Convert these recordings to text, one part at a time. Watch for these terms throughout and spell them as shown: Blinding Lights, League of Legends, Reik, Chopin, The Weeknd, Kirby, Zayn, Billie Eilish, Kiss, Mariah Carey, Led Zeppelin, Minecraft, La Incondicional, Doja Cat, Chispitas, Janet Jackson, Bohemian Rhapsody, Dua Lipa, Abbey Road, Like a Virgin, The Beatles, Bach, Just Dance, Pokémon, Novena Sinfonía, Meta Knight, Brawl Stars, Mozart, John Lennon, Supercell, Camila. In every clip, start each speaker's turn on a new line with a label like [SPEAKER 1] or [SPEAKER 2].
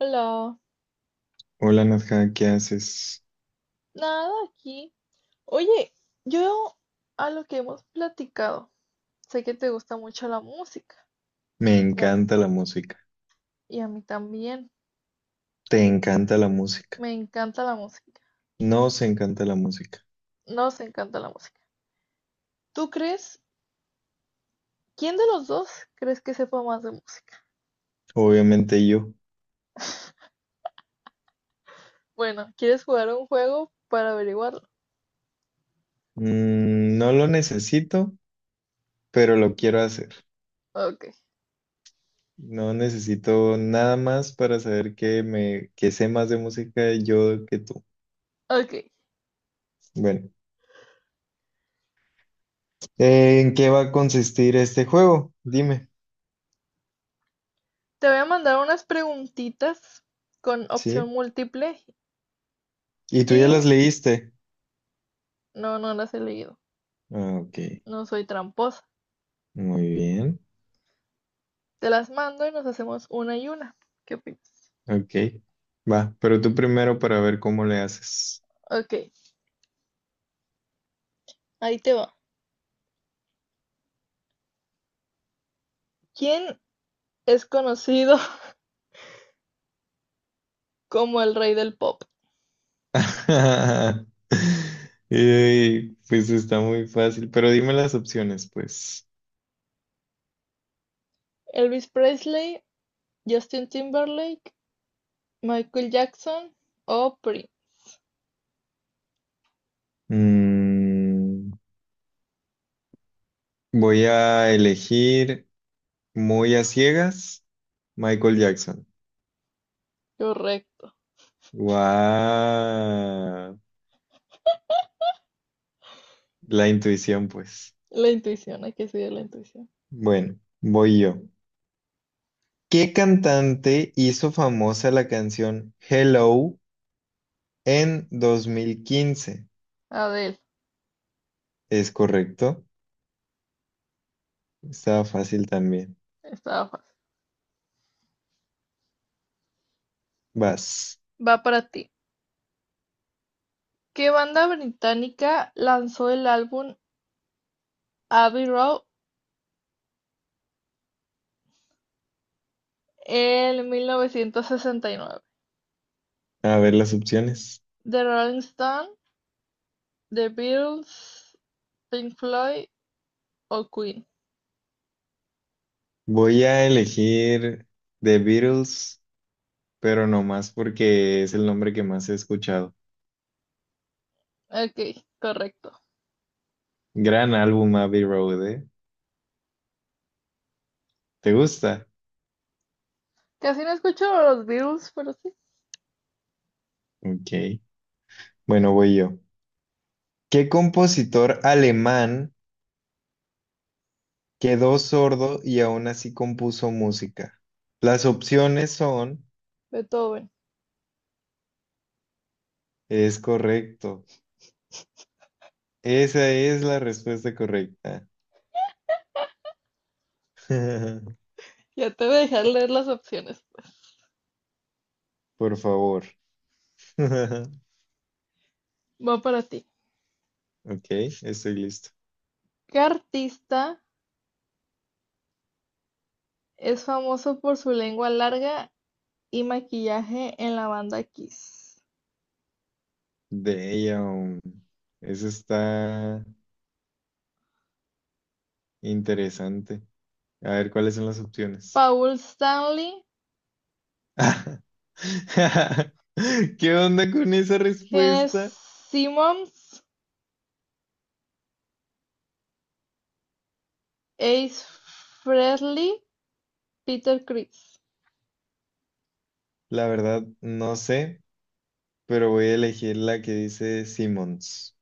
[SPEAKER 1] Hola,
[SPEAKER 2] Hola Nadja, ¿qué haces?
[SPEAKER 1] nada aquí. Oye, yo a lo que hemos platicado, sé que te gusta mucho la música
[SPEAKER 2] Me
[SPEAKER 1] y a,
[SPEAKER 2] encanta la música.
[SPEAKER 1] y a mí también.
[SPEAKER 2] ¿Te encanta la música?
[SPEAKER 1] Me encanta la música,
[SPEAKER 2] Nos encanta la música.
[SPEAKER 1] nos encanta la música. ¿Tú crees, quién de los dos crees que sepa más de música?
[SPEAKER 2] Obviamente yo.
[SPEAKER 1] Bueno, ¿quieres jugar a un juego para averiguarlo?
[SPEAKER 2] No lo necesito, pero lo quiero hacer.
[SPEAKER 1] Ok,
[SPEAKER 2] No necesito nada más para saber que sé más de música yo que tú.
[SPEAKER 1] ok.
[SPEAKER 2] Bueno, ¿en qué va a consistir este juego? Dime,
[SPEAKER 1] Te voy a mandar unas preguntitas con opción
[SPEAKER 2] ¿sí?
[SPEAKER 1] múltiple
[SPEAKER 2] ¿Y tú ya las
[SPEAKER 1] y
[SPEAKER 2] leíste?
[SPEAKER 1] no las he leído.
[SPEAKER 2] Ah, ok,
[SPEAKER 1] No soy tramposa.
[SPEAKER 2] muy bien.
[SPEAKER 1] Te las mando y nos hacemos una y una. ¿Qué opinas?
[SPEAKER 2] Ok, va, pero tú primero para ver cómo le haces.
[SPEAKER 1] Ok, ahí te va. ¿Quién es conocido como el rey del pop?
[SPEAKER 2] Pues está muy fácil, pero dime las opciones, pues.
[SPEAKER 1] Elvis Presley, Justin Timberlake, Michael Jackson o Prince.
[SPEAKER 2] Mm, Voy a elegir muy a ciegas Michael Jackson.
[SPEAKER 1] Correcto.
[SPEAKER 2] Guau, la intuición, pues.
[SPEAKER 1] La intuición, hay que seguir la intuición.
[SPEAKER 2] Bueno, voy yo. ¿Qué cantante hizo famosa la canción Hello en 2015?
[SPEAKER 1] Adele,
[SPEAKER 2] Es correcto. Estaba fácil también.
[SPEAKER 1] estaba fácil.
[SPEAKER 2] Vas
[SPEAKER 1] Va para ti. ¿Qué banda británica lanzó el álbum Abbey Road en 1969?
[SPEAKER 2] a ver las opciones.
[SPEAKER 1] The Rolling Stones, The Beatles, Pink Floyd o Queen.
[SPEAKER 2] Voy a elegir The Beatles, pero no más porque es el nombre que más he escuchado.
[SPEAKER 1] Ok, correcto.
[SPEAKER 2] Gran álbum Abbey Road, ¿eh? ¿Te gusta?
[SPEAKER 1] Casi no escucho los Beatles, pero sí.
[SPEAKER 2] Ok. Bueno, voy yo. ¿Qué compositor alemán quedó sordo y aún así compuso música? Las opciones son,
[SPEAKER 1] Beethoven.
[SPEAKER 2] es correcto. Esa es la respuesta correcta.
[SPEAKER 1] Ya te voy a dejar leer las opciones.
[SPEAKER 2] Por favor.
[SPEAKER 1] Va para ti.
[SPEAKER 2] Ok, estoy listo.
[SPEAKER 1] ¿Qué artista es famoso por su lengua larga y maquillaje en la banda Kiss?
[SPEAKER 2] Damn. Eso está. Interesante. A ver, ¿cuáles son las opciones?
[SPEAKER 1] Paul Stanley,
[SPEAKER 2] ¿Qué onda con esa
[SPEAKER 1] Gene
[SPEAKER 2] respuesta?
[SPEAKER 1] Simmons, Ace Frehley, Peter Criss.
[SPEAKER 2] La verdad, no sé, pero voy a elegir la que dice Simmons.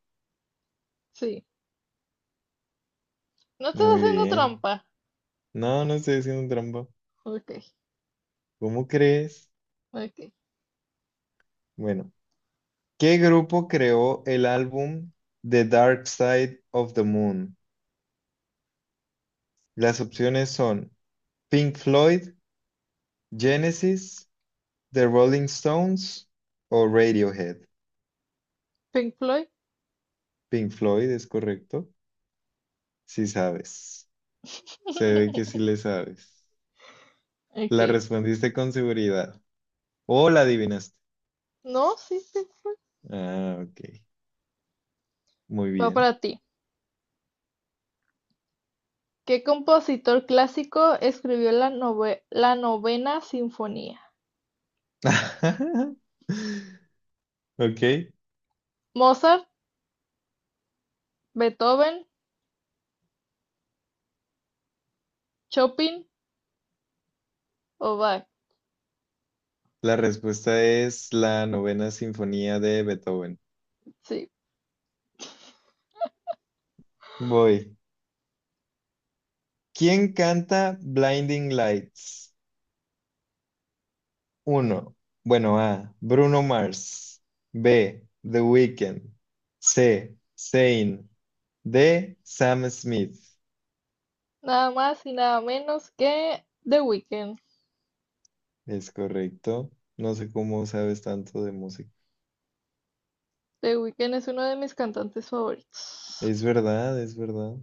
[SPEAKER 1] Sí. No estás
[SPEAKER 2] Muy
[SPEAKER 1] haciendo
[SPEAKER 2] bien.
[SPEAKER 1] trampa.
[SPEAKER 2] No, no estoy haciendo trampa.
[SPEAKER 1] Ok,
[SPEAKER 2] ¿Cómo crees?
[SPEAKER 1] ok.
[SPEAKER 2] Bueno, ¿qué grupo creó el álbum The Dark Side of the Moon? Las opciones son Pink Floyd, Genesis, The Rolling Stones o Radiohead.
[SPEAKER 1] Pink Floyd.
[SPEAKER 2] Pink Floyd, es correcto. Sí sabes. Se ve que sí le sabes.
[SPEAKER 1] Ok.
[SPEAKER 2] La respondiste con seguridad. O la adivinaste.
[SPEAKER 1] No, sí, Pink Floyd.
[SPEAKER 2] Ah, ok. Muy
[SPEAKER 1] Va
[SPEAKER 2] bien.
[SPEAKER 1] para ti. ¿Qué compositor clásico escribió la la Novena Sinfonía?
[SPEAKER 2] Ok.
[SPEAKER 1] ¿Mozart, Beethoven, Chopin o Bach?
[SPEAKER 2] La respuesta es la novena sinfonía de Beethoven.
[SPEAKER 1] Sí,
[SPEAKER 2] Voy. ¿Quién canta Blinding Lights? Uno, bueno, A. Bruno Mars. B. The Weeknd. C. Zayn. D. Sam Smith.
[SPEAKER 1] nada más y nada menos que The Weeknd.
[SPEAKER 2] Es correcto. No sé cómo sabes tanto de música.
[SPEAKER 1] The Weeknd es uno de mis cantantes favoritos.
[SPEAKER 2] Es verdad, es verdad.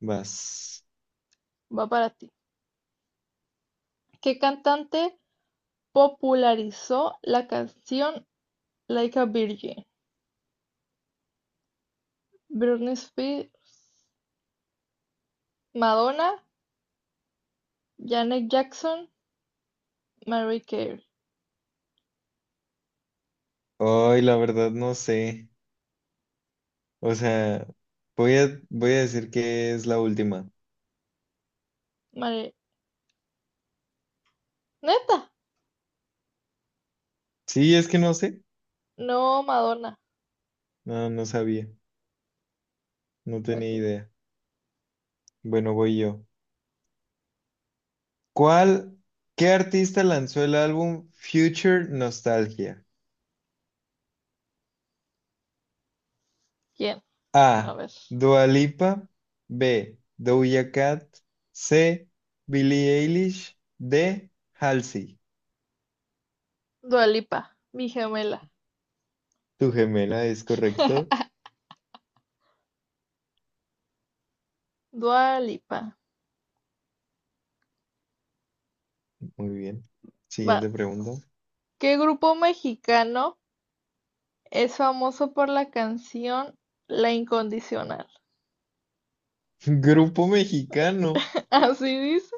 [SPEAKER 2] Vas.
[SPEAKER 1] Va para ti. ¿Qué cantante popularizó la canción Like a Virgin? Britney Spears, Madonna, Janet Jackson, Mariah Carey.
[SPEAKER 2] Ay, la verdad, no sé. O sea, voy a decir que es la última.
[SPEAKER 1] Mari- ¿Neta?
[SPEAKER 2] Sí, es que no sé.
[SPEAKER 1] No, Madonna.
[SPEAKER 2] No, no sabía. No tenía
[SPEAKER 1] Ok.
[SPEAKER 2] idea. Bueno, voy yo. ¿Cuál? ¿Qué artista lanzó el álbum Future Nostalgia?
[SPEAKER 1] ¿Quién? A
[SPEAKER 2] A.
[SPEAKER 1] ver.
[SPEAKER 2] Dua Lipa. B. Doja Cat. C. Billie Eilish. D. Halsey.
[SPEAKER 1] Dua Lipa, mi gemela.
[SPEAKER 2] Tu gemela es correcto.
[SPEAKER 1] Dua Lipa.
[SPEAKER 2] Muy bien. Siguiente pregunta.
[SPEAKER 1] Vas. ¿Qué grupo mexicano es famoso por la canción La Incondicional?
[SPEAKER 2] Grupo mexicano,
[SPEAKER 1] Así dice.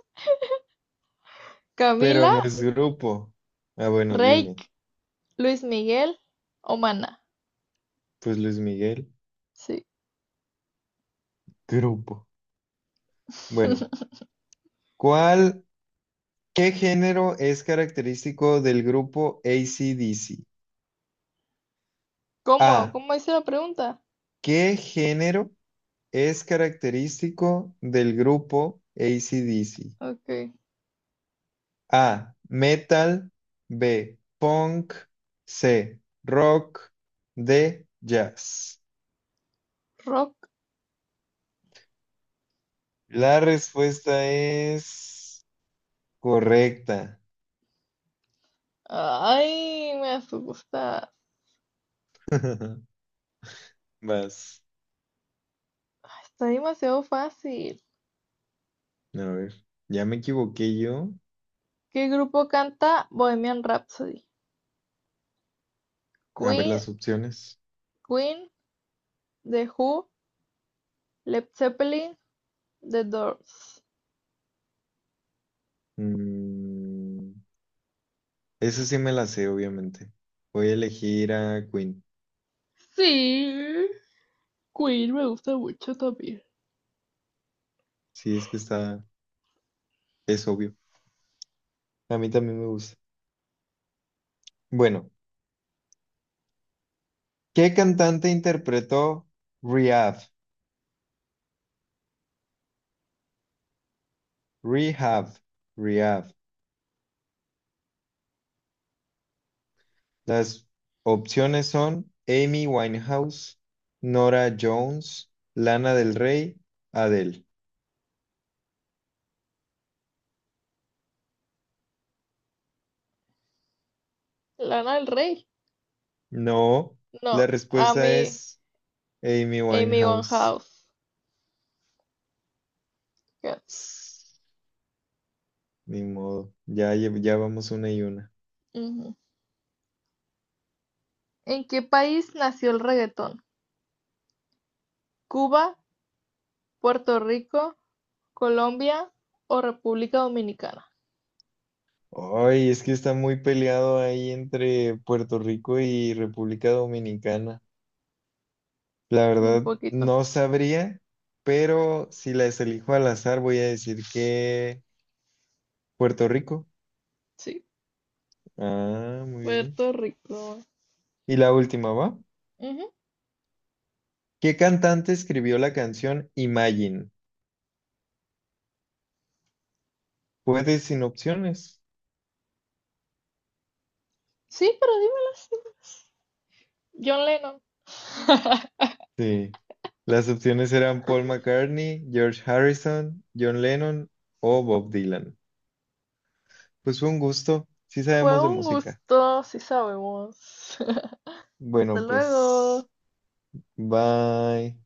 [SPEAKER 2] pero
[SPEAKER 1] Camila,
[SPEAKER 2] no es grupo. Ah, bueno, dime.
[SPEAKER 1] Reik, Luis Miguel o Maná.
[SPEAKER 2] Pues Luis Miguel,
[SPEAKER 1] Sí.
[SPEAKER 2] grupo. Bueno, ¿cuál, ¿qué género es característico del grupo AC/DC?
[SPEAKER 1] ¿Cómo?
[SPEAKER 2] A.
[SPEAKER 1] ¿Cómo hice la pregunta?
[SPEAKER 2] ¿Qué género es característico del grupo AC/DC?
[SPEAKER 1] Ok.
[SPEAKER 2] A. Metal. B. Punk. C. Rock. D. Jazz.
[SPEAKER 1] Rock.
[SPEAKER 2] La respuesta es correcta.
[SPEAKER 1] Ay, me asusta.
[SPEAKER 2] Vas.
[SPEAKER 1] Está demasiado fácil.
[SPEAKER 2] A ver, ya me equivoqué yo.
[SPEAKER 1] ¿Qué grupo canta Bohemian Rhapsody?
[SPEAKER 2] A ver
[SPEAKER 1] Queen,
[SPEAKER 2] las opciones.
[SPEAKER 1] Queen, The Who, Led Zeppelin, The Doors.
[SPEAKER 2] Mm, esa sí me la sé, obviamente. Voy a elegir a Queen.
[SPEAKER 1] Sí. Queen me gusta mucho también.
[SPEAKER 2] Sí, es que está, es obvio. A mí también me gusta. Bueno, ¿qué cantante interpretó Rehab? Rehab, Rehab. Las opciones son Amy Winehouse, Nora Jones, Lana del Rey, Adele.
[SPEAKER 1] Lana del Rey.
[SPEAKER 2] No, la
[SPEAKER 1] No,
[SPEAKER 2] respuesta
[SPEAKER 1] Amy,
[SPEAKER 2] es Amy
[SPEAKER 1] Amy
[SPEAKER 2] Winehouse.
[SPEAKER 1] Winehouse. Casi.
[SPEAKER 2] Ss, ni modo, ya, ya vamos una y una.
[SPEAKER 1] Ujú. ¿En qué país nació el reggaetón? ¿Cuba, Puerto Rico, Colombia o República Dominicana?
[SPEAKER 2] Ay, es que está muy peleado ahí entre Puerto Rico y República Dominicana. La
[SPEAKER 1] Un
[SPEAKER 2] verdad,
[SPEAKER 1] poquito.
[SPEAKER 2] no sabría, pero si las elijo al azar, voy a decir que Puerto Rico.
[SPEAKER 1] Sí,
[SPEAKER 2] Ah, muy bien.
[SPEAKER 1] Puerto Rico.
[SPEAKER 2] Y la última, ¿va?
[SPEAKER 1] Ujú.
[SPEAKER 2] ¿Qué cantante escribió la canción Imagine? Puedes sin opciones.
[SPEAKER 1] Sí, pero dímelas. John Lennon.
[SPEAKER 2] Sí. Las opciones eran Paul McCartney, George Harrison, John Lennon o Bob Dylan. Pues fue un gusto. Sí
[SPEAKER 1] Fue
[SPEAKER 2] sabemos de
[SPEAKER 1] un
[SPEAKER 2] música.
[SPEAKER 1] gusto, sí sabemos. Hasta
[SPEAKER 2] Bueno, pues.
[SPEAKER 1] luego.
[SPEAKER 2] Bye.